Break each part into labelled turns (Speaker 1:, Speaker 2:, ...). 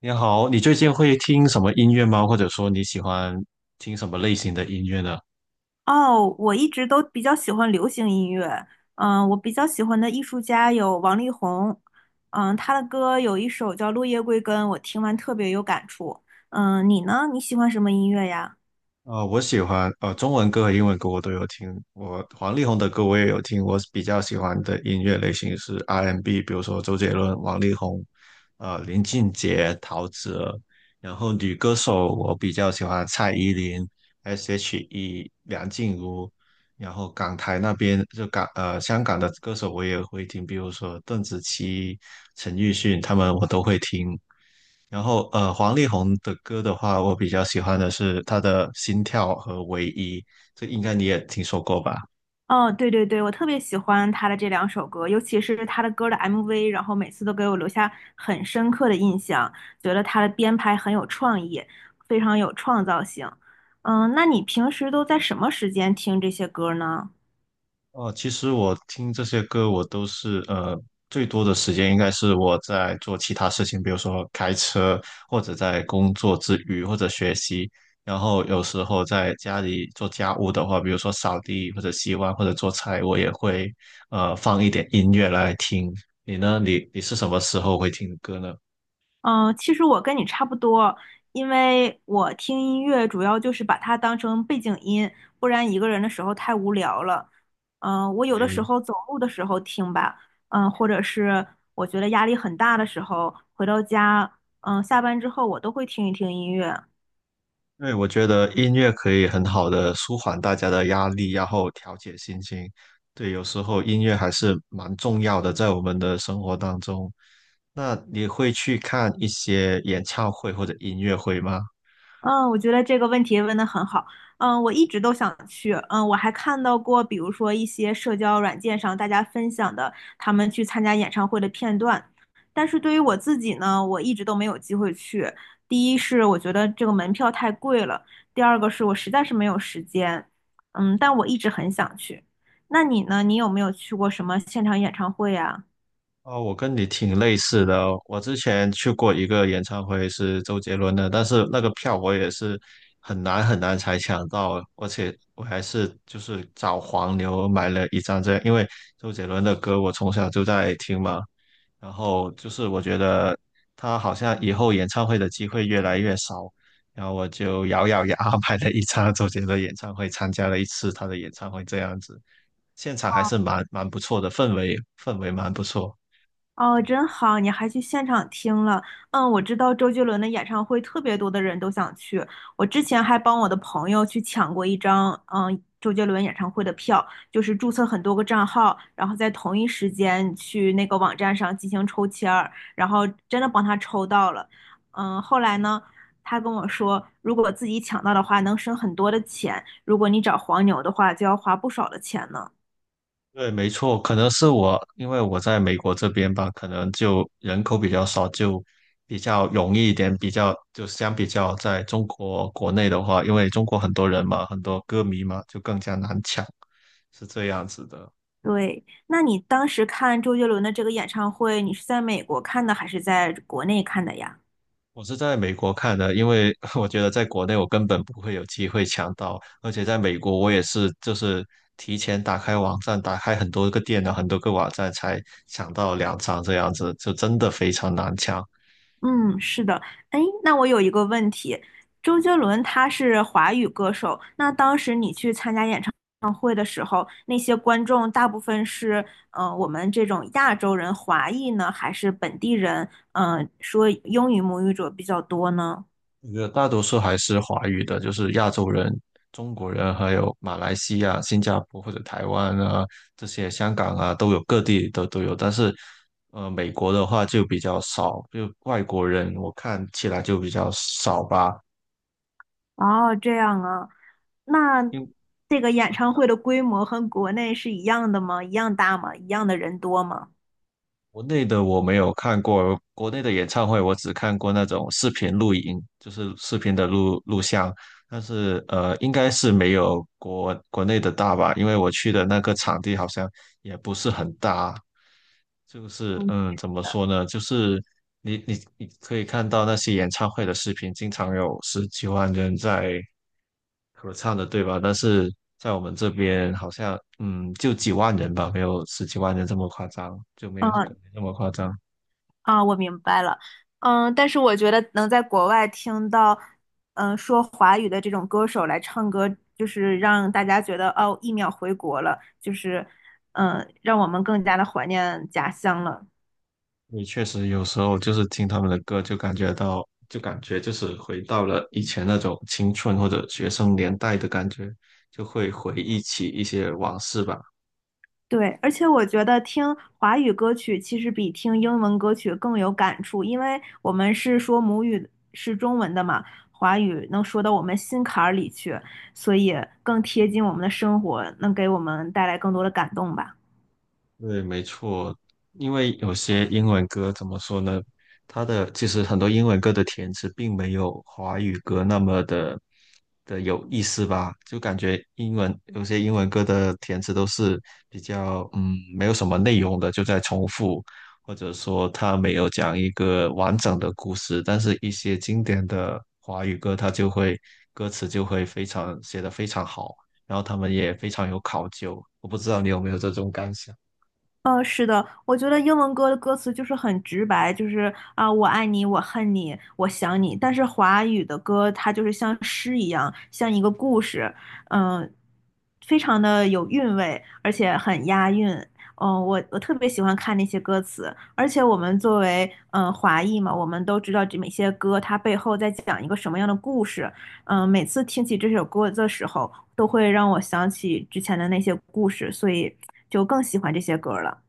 Speaker 1: 你好，你最近会听什么音乐吗？或者说你喜欢听什么类型的音乐呢？
Speaker 2: 哦，我一直都比较喜欢流行音乐。嗯，我比较喜欢的艺术家有王力宏，嗯，他的歌有一首叫《落叶归根》，我听完特别有感触。嗯，你呢？你喜欢什么音乐呀？
Speaker 1: 我喜欢中文歌和英文歌我都有听，我黄力宏的歌我也有听。我比较喜欢的音乐类型是 R&B，比如说周杰伦、王力宏、林俊杰、陶喆。然后女歌手我比较喜欢蔡依林、S.H.E、梁静茹。然后港台那边就香港的歌手我也会听，比如说邓紫棋、陈奕迅他们我都会听。然后黄丽宏的歌的话，我比较喜欢的是他的《心跳》和《唯一》，这应该你也听说过吧？
Speaker 2: 哦，对对对，我特别喜欢他的这两首歌，尤其是他的歌的 MV，然后每次都给我留下很深刻的印象，觉得他的编排很有创意，非常有创造性。嗯，那你平时都在什么时间听这些歌呢？
Speaker 1: 哦，其实我听这些歌，我都是呃，最多的时间应该是我在做其他事情，比如说开车，或者在工作之余，或者学习。然后有时候在家里做家务的话，比如说扫地或者洗碗或者做菜，我也会放一点音乐来听。你呢？你是什么时候会听歌呢？
Speaker 2: 嗯，其实我跟你差不多，因为我听音乐主要就是把它当成背景音，不然一个人的时候太无聊了。嗯，我有的时
Speaker 1: 你？
Speaker 2: 候走路的时候听吧，嗯，或者是我觉得压力很大的时候，回到家，嗯，下班之后我都会听一听音乐。
Speaker 1: 对，我觉得音乐可以很好的舒缓大家的压力，然后调节心情。对，有时候音乐还是蛮重要的，在我们的生活当中。那你会去看一些演唱会或者音乐会吗？
Speaker 2: 嗯，我觉得这个问题问得很好。嗯，我一直都想去。嗯，我还看到过，比如说一些社交软件上大家分享的他们去参加演唱会的片段。但是对于我自己呢，我一直都没有机会去。第一是我觉得这个门票太贵了，第二个是我实在是没有时间。嗯，但我一直很想去。那你呢？你有没有去过什么现场演唱会呀？
Speaker 1: 哦，我跟你挺类似的哦。我之前去过一个演唱会，是周杰伦的，但是那个票我也是很难很难才抢到，而且我还是就是找黄牛买了一张这样，因为周杰伦的歌我从小就在听嘛。然后就是我觉得他好像以后演唱会的机会越来越少，然后我就咬咬牙 买了一张周杰伦演唱会，参加了一次他的演唱会，这样子，现场还是蛮不错的，氛围蛮不错。
Speaker 2: 哦，真好，你还去现场听了。嗯，我知道周杰伦的演唱会特别多的人都想去，我之前还帮我的朋友去抢过一张，嗯，周杰伦演唱会的票，就是注册很多个账号，然后在同一时间去那个网站上进行抽签儿，然后真的帮他抽到了。嗯，后来呢，他跟我说，如果自己抢到的话，能省很多的钱；如果你找黄牛的话，就要花不少的钱呢。
Speaker 1: 对，没错，可能是我，因为我在美国这边吧，可能就人口比较少，就比较容易一点，比较就相比较在中国国内的话，因为中国很多人嘛，很多歌迷嘛，就更加难抢，是这样子的。
Speaker 2: 对，那你当时看周杰伦的这个演唱会，你是在美国看的还是在国内看的呀？
Speaker 1: 我是在美国看的，因为 我觉得在国内我根本不会有机会抢到，而且在美国我也是就是提前打开网站，打开很多个电脑，很多个网站才抢到两张这样子，就真的非常难抢。
Speaker 2: 嗯，是的。哎，那我有一个问题，周杰伦他是华语歌手，那当时你去参加演唱会的时候，那些观众大部分是我们这种亚洲人、华裔呢，还是本地人？嗯、说英语母语者比较多呢？
Speaker 1: 我觉得大多数还是华语的，就是亚洲人、中国人，还有马来西亚、新加坡或者台湾啊这些，香港啊都有，各地都有，但是。美国的话就比较少，就外国人我看起来就比较少吧。
Speaker 2: 哦，这样啊，那
Speaker 1: 因
Speaker 2: 这个演唱会的规模和国内是一样的吗？一样大吗？一样的人多吗？
Speaker 1: 国内的我没有看过，国内的演唱会我只看过那种视频录影，就是视频的录像，但是应该是没有国内的大吧，因为我去的那个场地好像也不是很大，就是
Speaker 2: 嗯，
Speaker 1: 怎么说呢，就是你可以看到那些演唱会的视频，经常有十几万人在合唱的，对吧？但是在我们这边好像，就几万人吧，没有十几万人这么夸张，就没有
Speaker 2: 啊
Speaker 1: 国内那么夸张。
Speaker 2: 啊，我明白了。嗯，但是我觉得能在国外听到，嗯，说华语的这种歌手来唱歌，就是让大家觉得哦，一秒回国了，就是，嗯，让我们更加的怀念家乡了。
Speaker 1: 你确实有时候就是听他们的歌，就感觉就是回到了以前那种青春或者学生年代的感觉，就会回忆起一些往事吧。
Speaker 2: 对，而且我觉得听华语歌曲其实比听英文歌曲更有感触，因为我们是说母语是中文的嘛，华语能说到我们心坎儿里去，所以更贴近我们的生活，能给我们带来更多的感动吧。
Speaker 1: 对，没错，因为有些英文歌怎么说呢？其实很多英文歌的填词并没有华语歌那么的有意思吧，就感觉有些英文歌的填词都是比较没有什么内容的，就在重复，或者说它没有讲一个完整的故事，但是一些经典的华语歌，它就会歌词就会非常写得非常好，然后他们也非常有考究，我不知道你有没有这种感想。
Speaker 2: 是的，我觉得英文歌的歌词就是很直白，就是啊、我爱你，我恨你，我想你。但是华语的歌，它就是像诗一样，像一个故事，嗯、非常的有韵味，而且很押韵。嗯、我特别喜欢看那些歌词，而且我们作为嗯、华裔嘛，我们都知道这每些歌它背后在讲一个什么样的故事。嗯、每次听起这首歌的时候，都会让我想起之前的那些故事，所以就更喜欢这些歌了。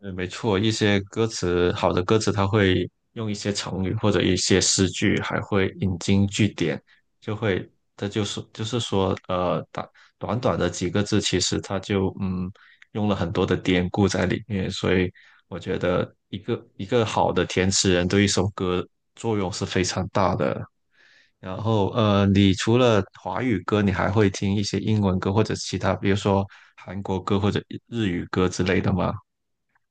Speaker 1: 嗯，没错，一些歌词好的歌词，它会用一些成语或者一些诗句，还会引经据典，就会，这就是就是说，短短的几个字，其实它就用了很多的典故在里面，所以我觉得一个好的填词人对一首歌作用是非常大的。然后，你除了华语歌，你还会听一些英文歌或者其他，比如说韩国歌或者日语歌之类的吗？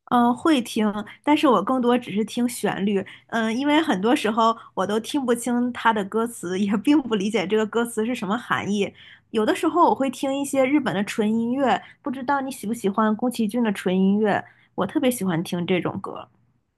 Speaker 2: 嗯，会听，但是我更多只是听旋律，嗯，因为很多时候我都听不清它的歌词，也并不理解这个歌词是什么含义。有的时候我会听一些日本的纯音乐，不知道你喜不喜欢宫崎骏的纯音乐，我特别喜欢听这种歌。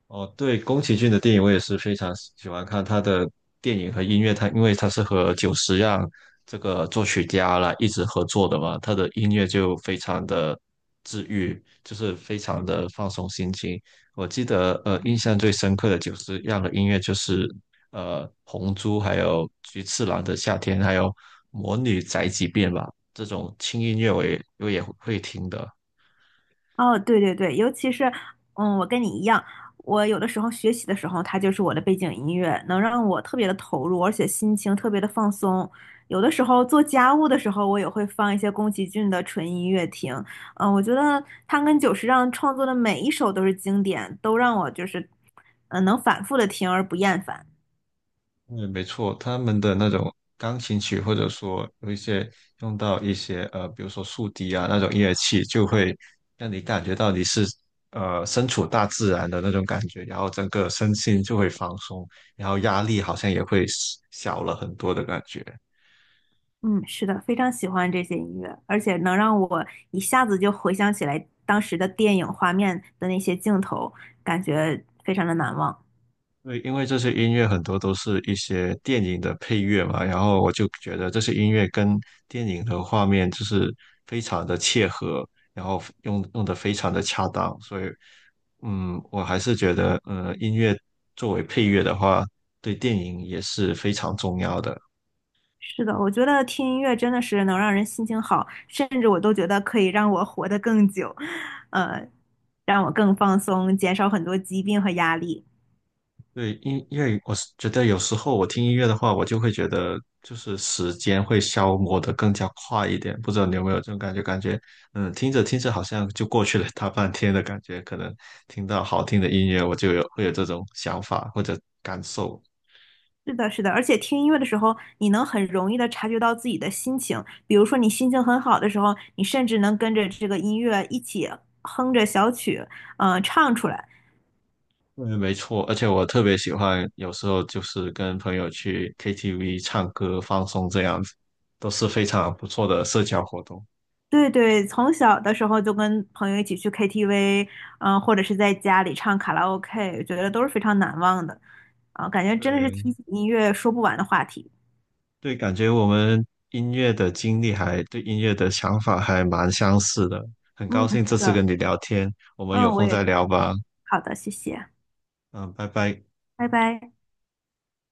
Speaker 1: 哦，对，宫崎骏的电影我也是非常喜欢看他的电影和音乐，因为他是和久石让这个作曲家啦一直合作的嘛，他的音乐就非常的治愈，就是非常的放松心情。我记得印象最深刻的久石让的音乐就是《红猪》还有《菊次郎的夏天》还有《魔女宅急便》吧，这种轻音乐我也会听的。
Speaker 2: 哦，对对对，尤其是，嗯，我跟你一样，我有的时候学习的时候，它就是我的背景音乐，能让我特别的投入，而且心情特别的放松。有的时候做家务的时候，我也会放一些宫崎骏的纯音乐听。嗯，我觉得他跟久石让创作的每一首都是经典，都让我就是，嗯，能反复的听而不厌烦。
Speaker 1: 嗯，没错，他们的那种钢琴曲，或者说有一些用到一些比如说竖笛啊那种乐器，就会让你感觉到你是身处大自然的那种感觉，然后整个身心就会放松，然后压力好像也会小了很多的感觉。
Speaker 2: 嗯，是的，非常喜欢这些音乐，而且能让我一下子就回想起来当时的电影画面的那些镜头，感觉非常的难忘。
Speaker 1: 对，因为这些音乐很多都是一些电影的配乐嘛，然后我就觉得这些音乐跟电影的画面就是非常的切合，然后用的非常的恰当，所以，我还是觉得，音乐作为配乐的话，对电影也是非常重要的。
Speaker 2: 是的，我觉得听音乐真的是能让人心情好，甚至我都觉得可以让我活得更久，呃，让我更放松，减少很多疾病和压力。
Speaker 1: 对，因为我是觉得有时候我听音乐的话，我就会觉得就是时间会消磨的更加快一点。不知道你有没有这种感觉？感觉听着听着好像就过去了大半天的感觉。可能听到好听的音乐，我就会有这种想法或者感受。
Speaker 2: 是的，是的，而且听音乐的时候，你能很容易的察觉到自己的心情。比如说，你心情很好的时候，你甚至能跟着这个音乐一起哼着小曲，嗯、唱出来。
Speaker 1: 嗯，没错。而且我特别喜欢，有时候就是跟朋友去 KTV 唱歌放松这样子，都是非常不错的社交活动。
Speaker 2: 对对，从小的时候就跟朋友一起去 KTV，嗯、或者是在家里唱卡拉 OK，觉得都是非常难忘的。啊、感觉真的是
Speaker 1: 对，
Speaker 2: 提起音乐说不完的话题。
Speaker 1: 对，感觉我们音乐的经历还对音乐的想法还蛮相似的，很
Speaker 2: 嗯，
Speaker 1: 高兴
Speaker 2: 是
Speaker 1: 这次
Speaker 2: 的，
Speaker 1: 跟你聊天，我们有
Speaker 2: 嗯，我
Speaker 1: 空
Speaker 2: 也
Speaker 1: 再
Speaker 2: 是
Speaker 1: 聊吧。
Speaker 2: 好的，谢谢，
Speaker 1: 嗯，拜拜。
Speaker 2: 拜拜。